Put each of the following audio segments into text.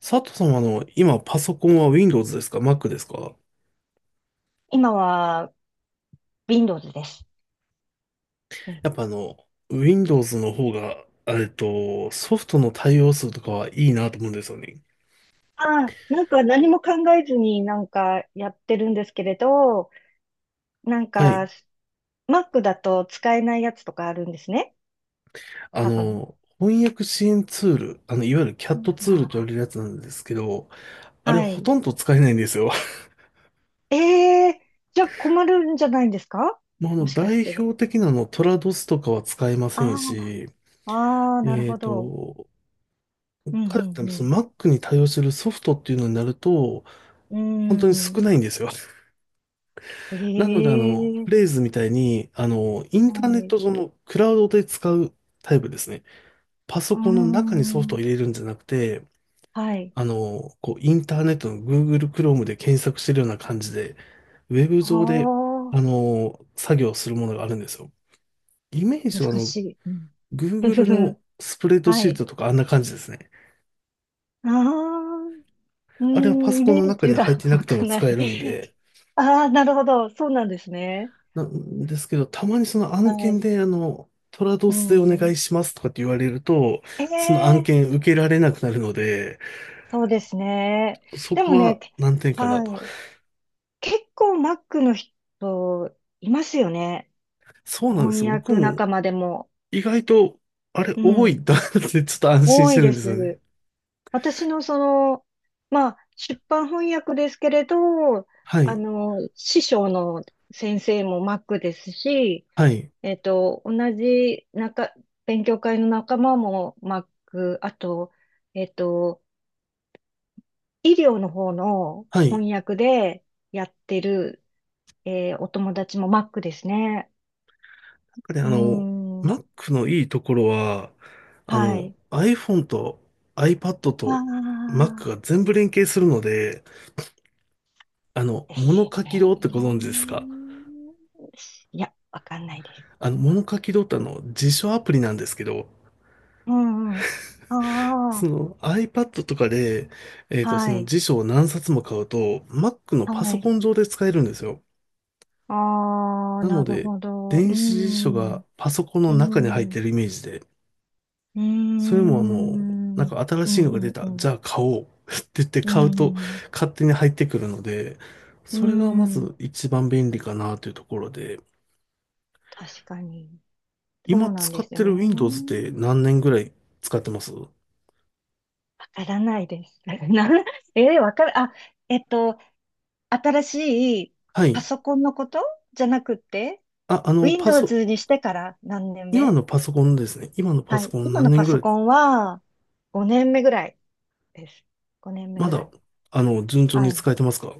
佐藤さんは今パソコンは Windows ですか Mac ですか？今は Windows です。うん。やっぱWindows の方が、ソフトの対応数とかはいいなと思うんですよね。ああ、なんか何も考えずになんかやってるんですけれど、なんはか い。Mac だと使えないやつとかあるんですね。多分。翻訳支援ツール、いわゆる うん、 CAT ツールと言わあれるやつなんですけど、あ、あれはほい。とんど使えないんですよ。ええ、じゃあ困るんじゃないんですか？ もうもしかし代て。表的なトラドスとかは使えませんあし、あ、ああ、なるえっほど。と、うん、かうそん、の Mac に対応してるソフトっていうのになると、う本当にん。うー少ん。ないんですよ。なので、えフレえ、ーズみたいに、インはターネッい。うト上のクラウドで使うタイプですね。パーソコンの中にソフトをん。入れるんじゃなくて、はい。こう、インターネットの Google Chrome で検索してるような感じで、ウェブあ上で、あ、作業するものがあるんですよ。イメージは、難しい。うん。Google のスプレッドはシーい。トとかあんな感じですね。ああ、うーあれはパん、ソイコンメのー中にジ入っが てな湧くてもかな使えい。るんで、ああ、なるほど。そうなんですね。なんですけど、たまにその案は件い。で、トラドうスでお願ん。いしますとかって言われると、その案ええ、件受けられなくなるので、そうですね。そでこもね、はけ難点かなと。はい。結構マックの人いますよね。そうなんで翻す。僕訳も仲間でも。意外と、あれう多いんん。だってちょっと安心多しいてるでんす。ですよね。私のその、まあ、出版翻訳ですけれど、はい。師匠の先生もマックですし、はい。えっと、同じ中、勉強会の仲間もマック、あと、えっと、医療の方のはい。翻訳でやってる、お友達もマックですね。なんかね、うーん、Mac のいいところは、はい。iPhone と iPad あと Mac あ、が全部連携するので、です物よ書きね。堂ってご存知ですか？いや、わかんないです。物書きドタの辞書アプリなんですけど、うんうん。そあの iPad とかで、あ、そはのい、辞書を何冊も買うと、Mac のはパソコい。ン上で使えるんですよ。ああ、なのなるで、ほど。う電子辞書ん、がパソコンうの中に入っん。てるイメージで、うーそれもなん。んうんか新うしいのが出んうた、じん。ゃあ買おう って言ってう買うとん勝手に入ってくるので、うそれがまん。うん。ず一番便利かなというところで、確かに。そ今うなん使でっすよてる ね。Windows って何年ぐらい使ってます？わからないです。な、えー、わかる、あ、えっと、新しいはパい。ソコンのことじゃなくて、あ、Windows にしてから何年今目？のパソコンですね。今のパはソい。コン今何の年パぐソらい、コンは5年目ぐらいです。5年目まぐらだ、い。順調はにい。使えてますか？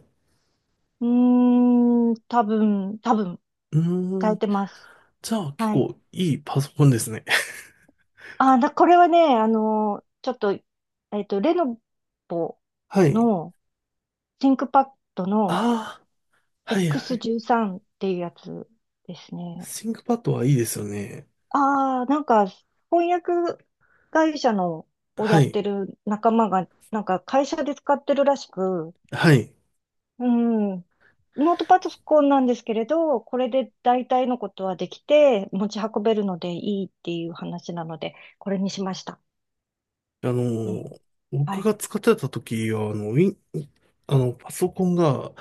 うーん、多分、う使ーえん。てます。じゃあ結はい。構いいパソコンですね。これはね、あの、ちょっと、レノボ はい。のシンクパッドの ああ、はいはい。X13 っていうやつですね。ThinkPad はいいですよね。ああ、なんか、翻訳会社のをやはっい。てる仲間が、なんか会社で使ってるらしく、はい。うん、ノートパソコンなんですけれど、これで大体のことはできて、持ち運べるのでいいっていう話なので、これにしました。あのうん。ー、は僕い。が使ってた時は、あの、ウィン、あの、パソコンが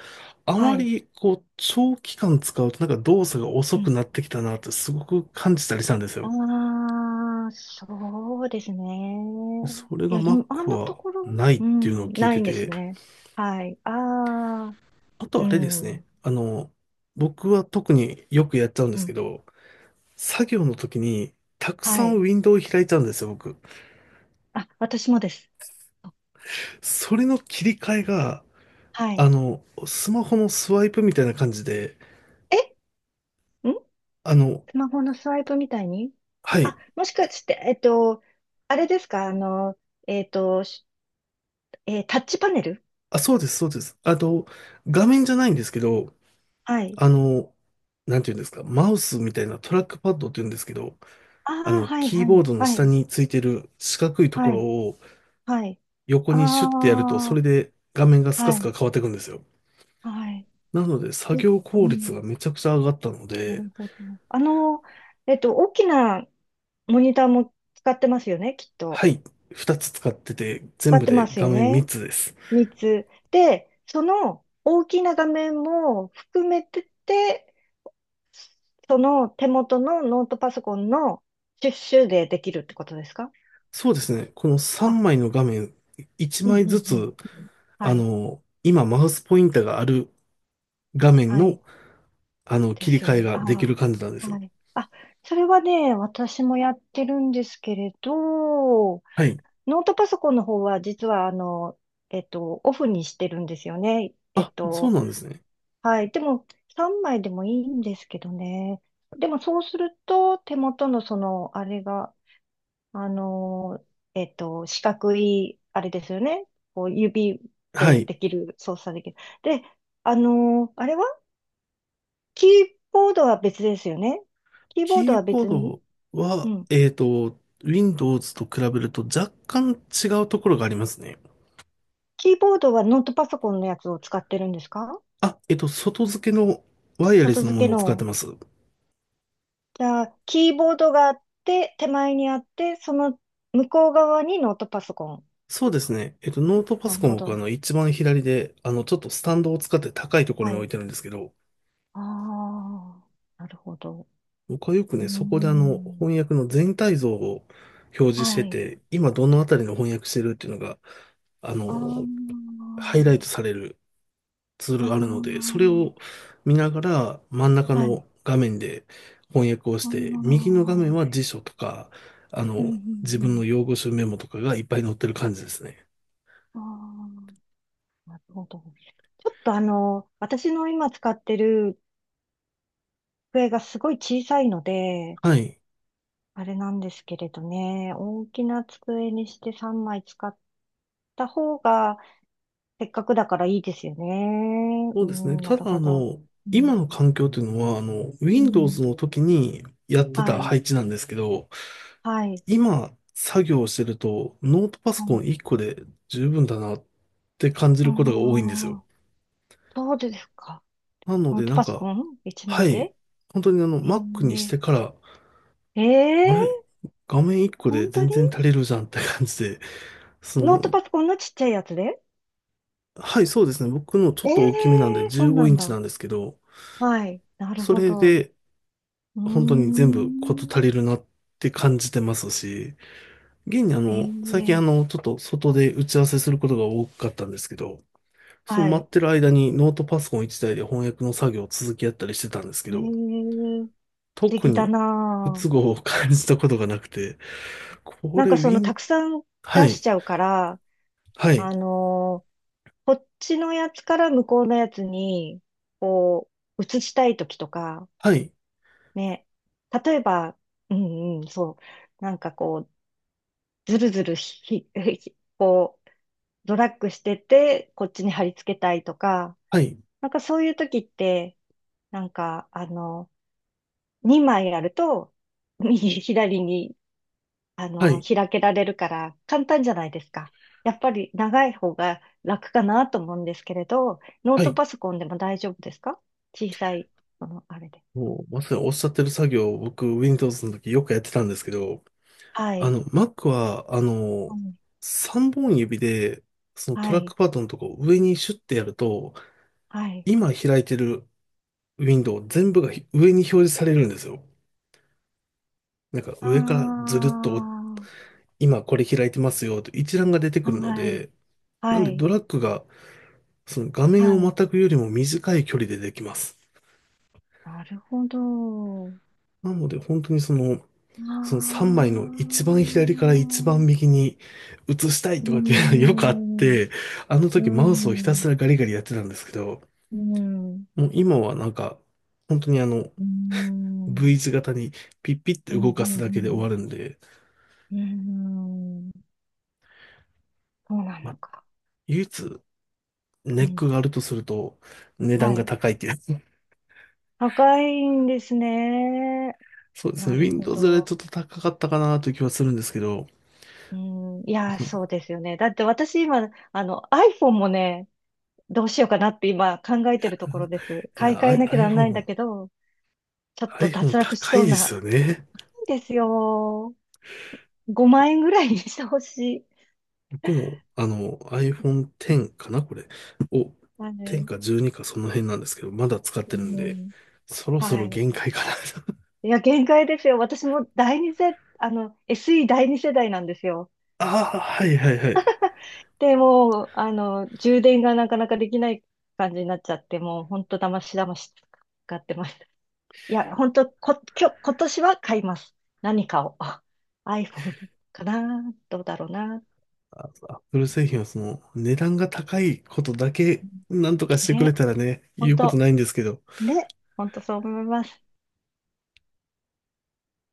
あはまい。り、こう、長期間使うとなんか動作が遅うくん。なってきたなってすごく感じたりしたんですよ。ああ、そうですね。それいが や、今、あ Mac のとはころ、ないっうていうのん、を聞いなていんですて、ね。はい。ああ、あうとあれですね。ん、僕は特によくやっちゃうんでうすけん、ど、作業の時にたくさはんい。ウィンドウを開いちゃうんですよ、僕。あ、私もです。それの切り替えが、はい。スマホのスワイプみたいな感じで、えんあの、スマホのスワイプみたいに、はあ、い。もしかして、あれですか、えっと、しえータッチパネル？あ、そうです、そうです。あと、画面じゃないんですけど、はい。あの、なんていうんですか、マウスみたいなトラックパッドって言うんですけど、ああ、はい、キーはボーい、ドのは下い、についてる四角いとこはろい、をはい。横にシュッてやると、そあれあ、で画面がスカはスい、カ変わっていくんですよ。はい。なので、作え業う効率がめん、ちゃくちゃ上がったのなで、るほど。あの、大きなモニターも使ってますよね、きっはと。い、2つ使ってて、全使っ部てまです画よ面3ね。つです。3つ。で、その大きな画面も含めてて、その手元のノートパソコンのシュッシュでできるってことですか？そうですね、この3あ、枚の画面、1うん、枚うずん、うん。つ、うん、はい、今マウスポインターがある画面はい。の、で切りすよ替ね。えができるあ感じなんであ、すはよ。い。あ、それはね、私もやってるんですけれど、はい。ノートパソコンの方は実はオフにしてるんですよね。あ、そうなんですね。はい。でも3枚でもいいんですけどね。でもそうすると手元のその、あれが、あの、四角い、あれですよね。こう指はでい。できる、操作できる。で、あの、あれはキーボードは別ですよね。キーボードキーはボー別に、ドうは、ん。Windows と比べると若干違うところがありますね。キーボードはノートパソコンのやつを使ってるんですか？あ、外付けのワイヤレ外スの付もけのを使っての。ます。じゃあ、キーボードがあって、手前にあって、その向こう側にノートパソコン。そうですね。ノートパなソるコンほ僕ど。一番左で、ちょっとスタンドを使って高いところはに置いい。てるんですけど、ああ、なるほど。僕はよくうーね、そこでん。翻訳の全体像を表示してはい。て、今どのあたりの翻訳してるっていうのが、あの、ああ、ハイライトされるツールがあるので、あそれを見ながら真ん中あ、はい。の画面で翻訳をあしあ、うて、右の画面は辞ん、書とか、う自分のん、用語集メモとかがいっぱい載ってる感じですね。うん。ああ、なるほど。ちょっとあの、私の今使ってる机がすごい小さいので、はい。あれなんですけれどね、大きな机にして3枚使った方が、せっかくだからいいですよね。そううですね。ん、なたるだ、ほど。う今ん、の環境というのは、うん、Windows の時にやってはたい、配置なんですけど、はい、今、作業をしてると、ノートパソはコい。ン1個で十分だなって感じあることが多いんですよ。あ、そうですか。なのノーで、トなんパソか、コン一は枚い、で、本当にえ Mac にしー、てから、えあれ、ー、画面1個で本当全に然足りるじゃんって感じで、そノーの、トパソコンのちっちゃいやつではい、そうですね。僕のちょえっと大きめなんでえー、そう15なイんンチだ。なんですけど、はい、なるそほれど。で、うー本当に全部事ん、足りるなって感じてますし、現にええ最近ー、ちょっと外で打ち合わせすることが多かったんですけど、そのは待っい、てる間にノートパソコン一台で翻訳の作業を続けやったりしてたんですけええど、ー、素特敵だにな不都あ。合を感じたことがなくて、こなんれかウその、ィたン、くさんは出い、しちゃうから、はい、あのーこっちのやつから向こうのやつに、こう、移したいときとか、はい、ね、例えば、うんうん、そう、なんかこう、ずるずるひ、ひこう、ドラッグしてて、こっちに貼り付けたいとか、はい、なんかそういうときって、なんか、あの、2枚あると、右、左にはい、開けられるから簡単じゃないですか。やっぱり長い方が楽かなと思うんですけれど、ノーはトい。パソコンでも大丈夫ですか？小さい、この、あれで。もうまさにおっしゃってる作業を僕 Windows の時よくやってたんですけど、はい。Mac は、うん、3本指で、そのトはラックい。パッドのとこを上にシュッてやると、はい。今開いてるウィンドウ全部が上に表示されるんですよ。なんかあ上からあ、ずるっと、今これ開いてますよと一覧が出てくるのはい。で、なんはでドい。ラッグが、その画は面をまい。たぐよりも短い距離でできます。なるほど。なので本当にその、あその3枚の一あ、番左から一番右に移したいうーとかっていうのが よくあっん、うて、あのー時ん、うマーウスをひたすん、らガリガリやってたんですけど、うーん、もう今はなんか、本当にうーん、V 字型にピッピッうてー動ん。かすだけで終わるんで、うーん、そうなまのあ、か。唯一ネうッん。クがあるとすると値は段がい。高いっていう。高いんですね。そうですなね。るほ Windows よりど。ちょっと高かったかなという気はするんですけど、うん。いやそー、のそうですよね。だって私今、あの、iPhone もね、どうしようかなって今考えてるところです。い買いや、替え なきゃなら iPhone ないんだも、けど、ちょっと iPhone 脱落し高そいうですな。よね。いいですよ。5万円ぐらいにしてほしい。僕も、iPhone X かな、これ、を、は10い。か12かその辺なんですけど、まだ使っうてるんで、ん。そろそはろい。限界かな。 いや、限界ですよ。私も第二世、あの、SE 第二世代なんですよ。ああ、はいはいはい。でもう、充電がなかなかできない感じになっちゃって、もう本当だましだまし使ってます。 いや、本当こ、今日、今年は買います。何かを。あ、 iPhone かな、どうだろうな。アップル製品は値段が高いことだけ、なんとかしてくれね。たらね、言本うこと当ないんですけど。ね。本当そう思います。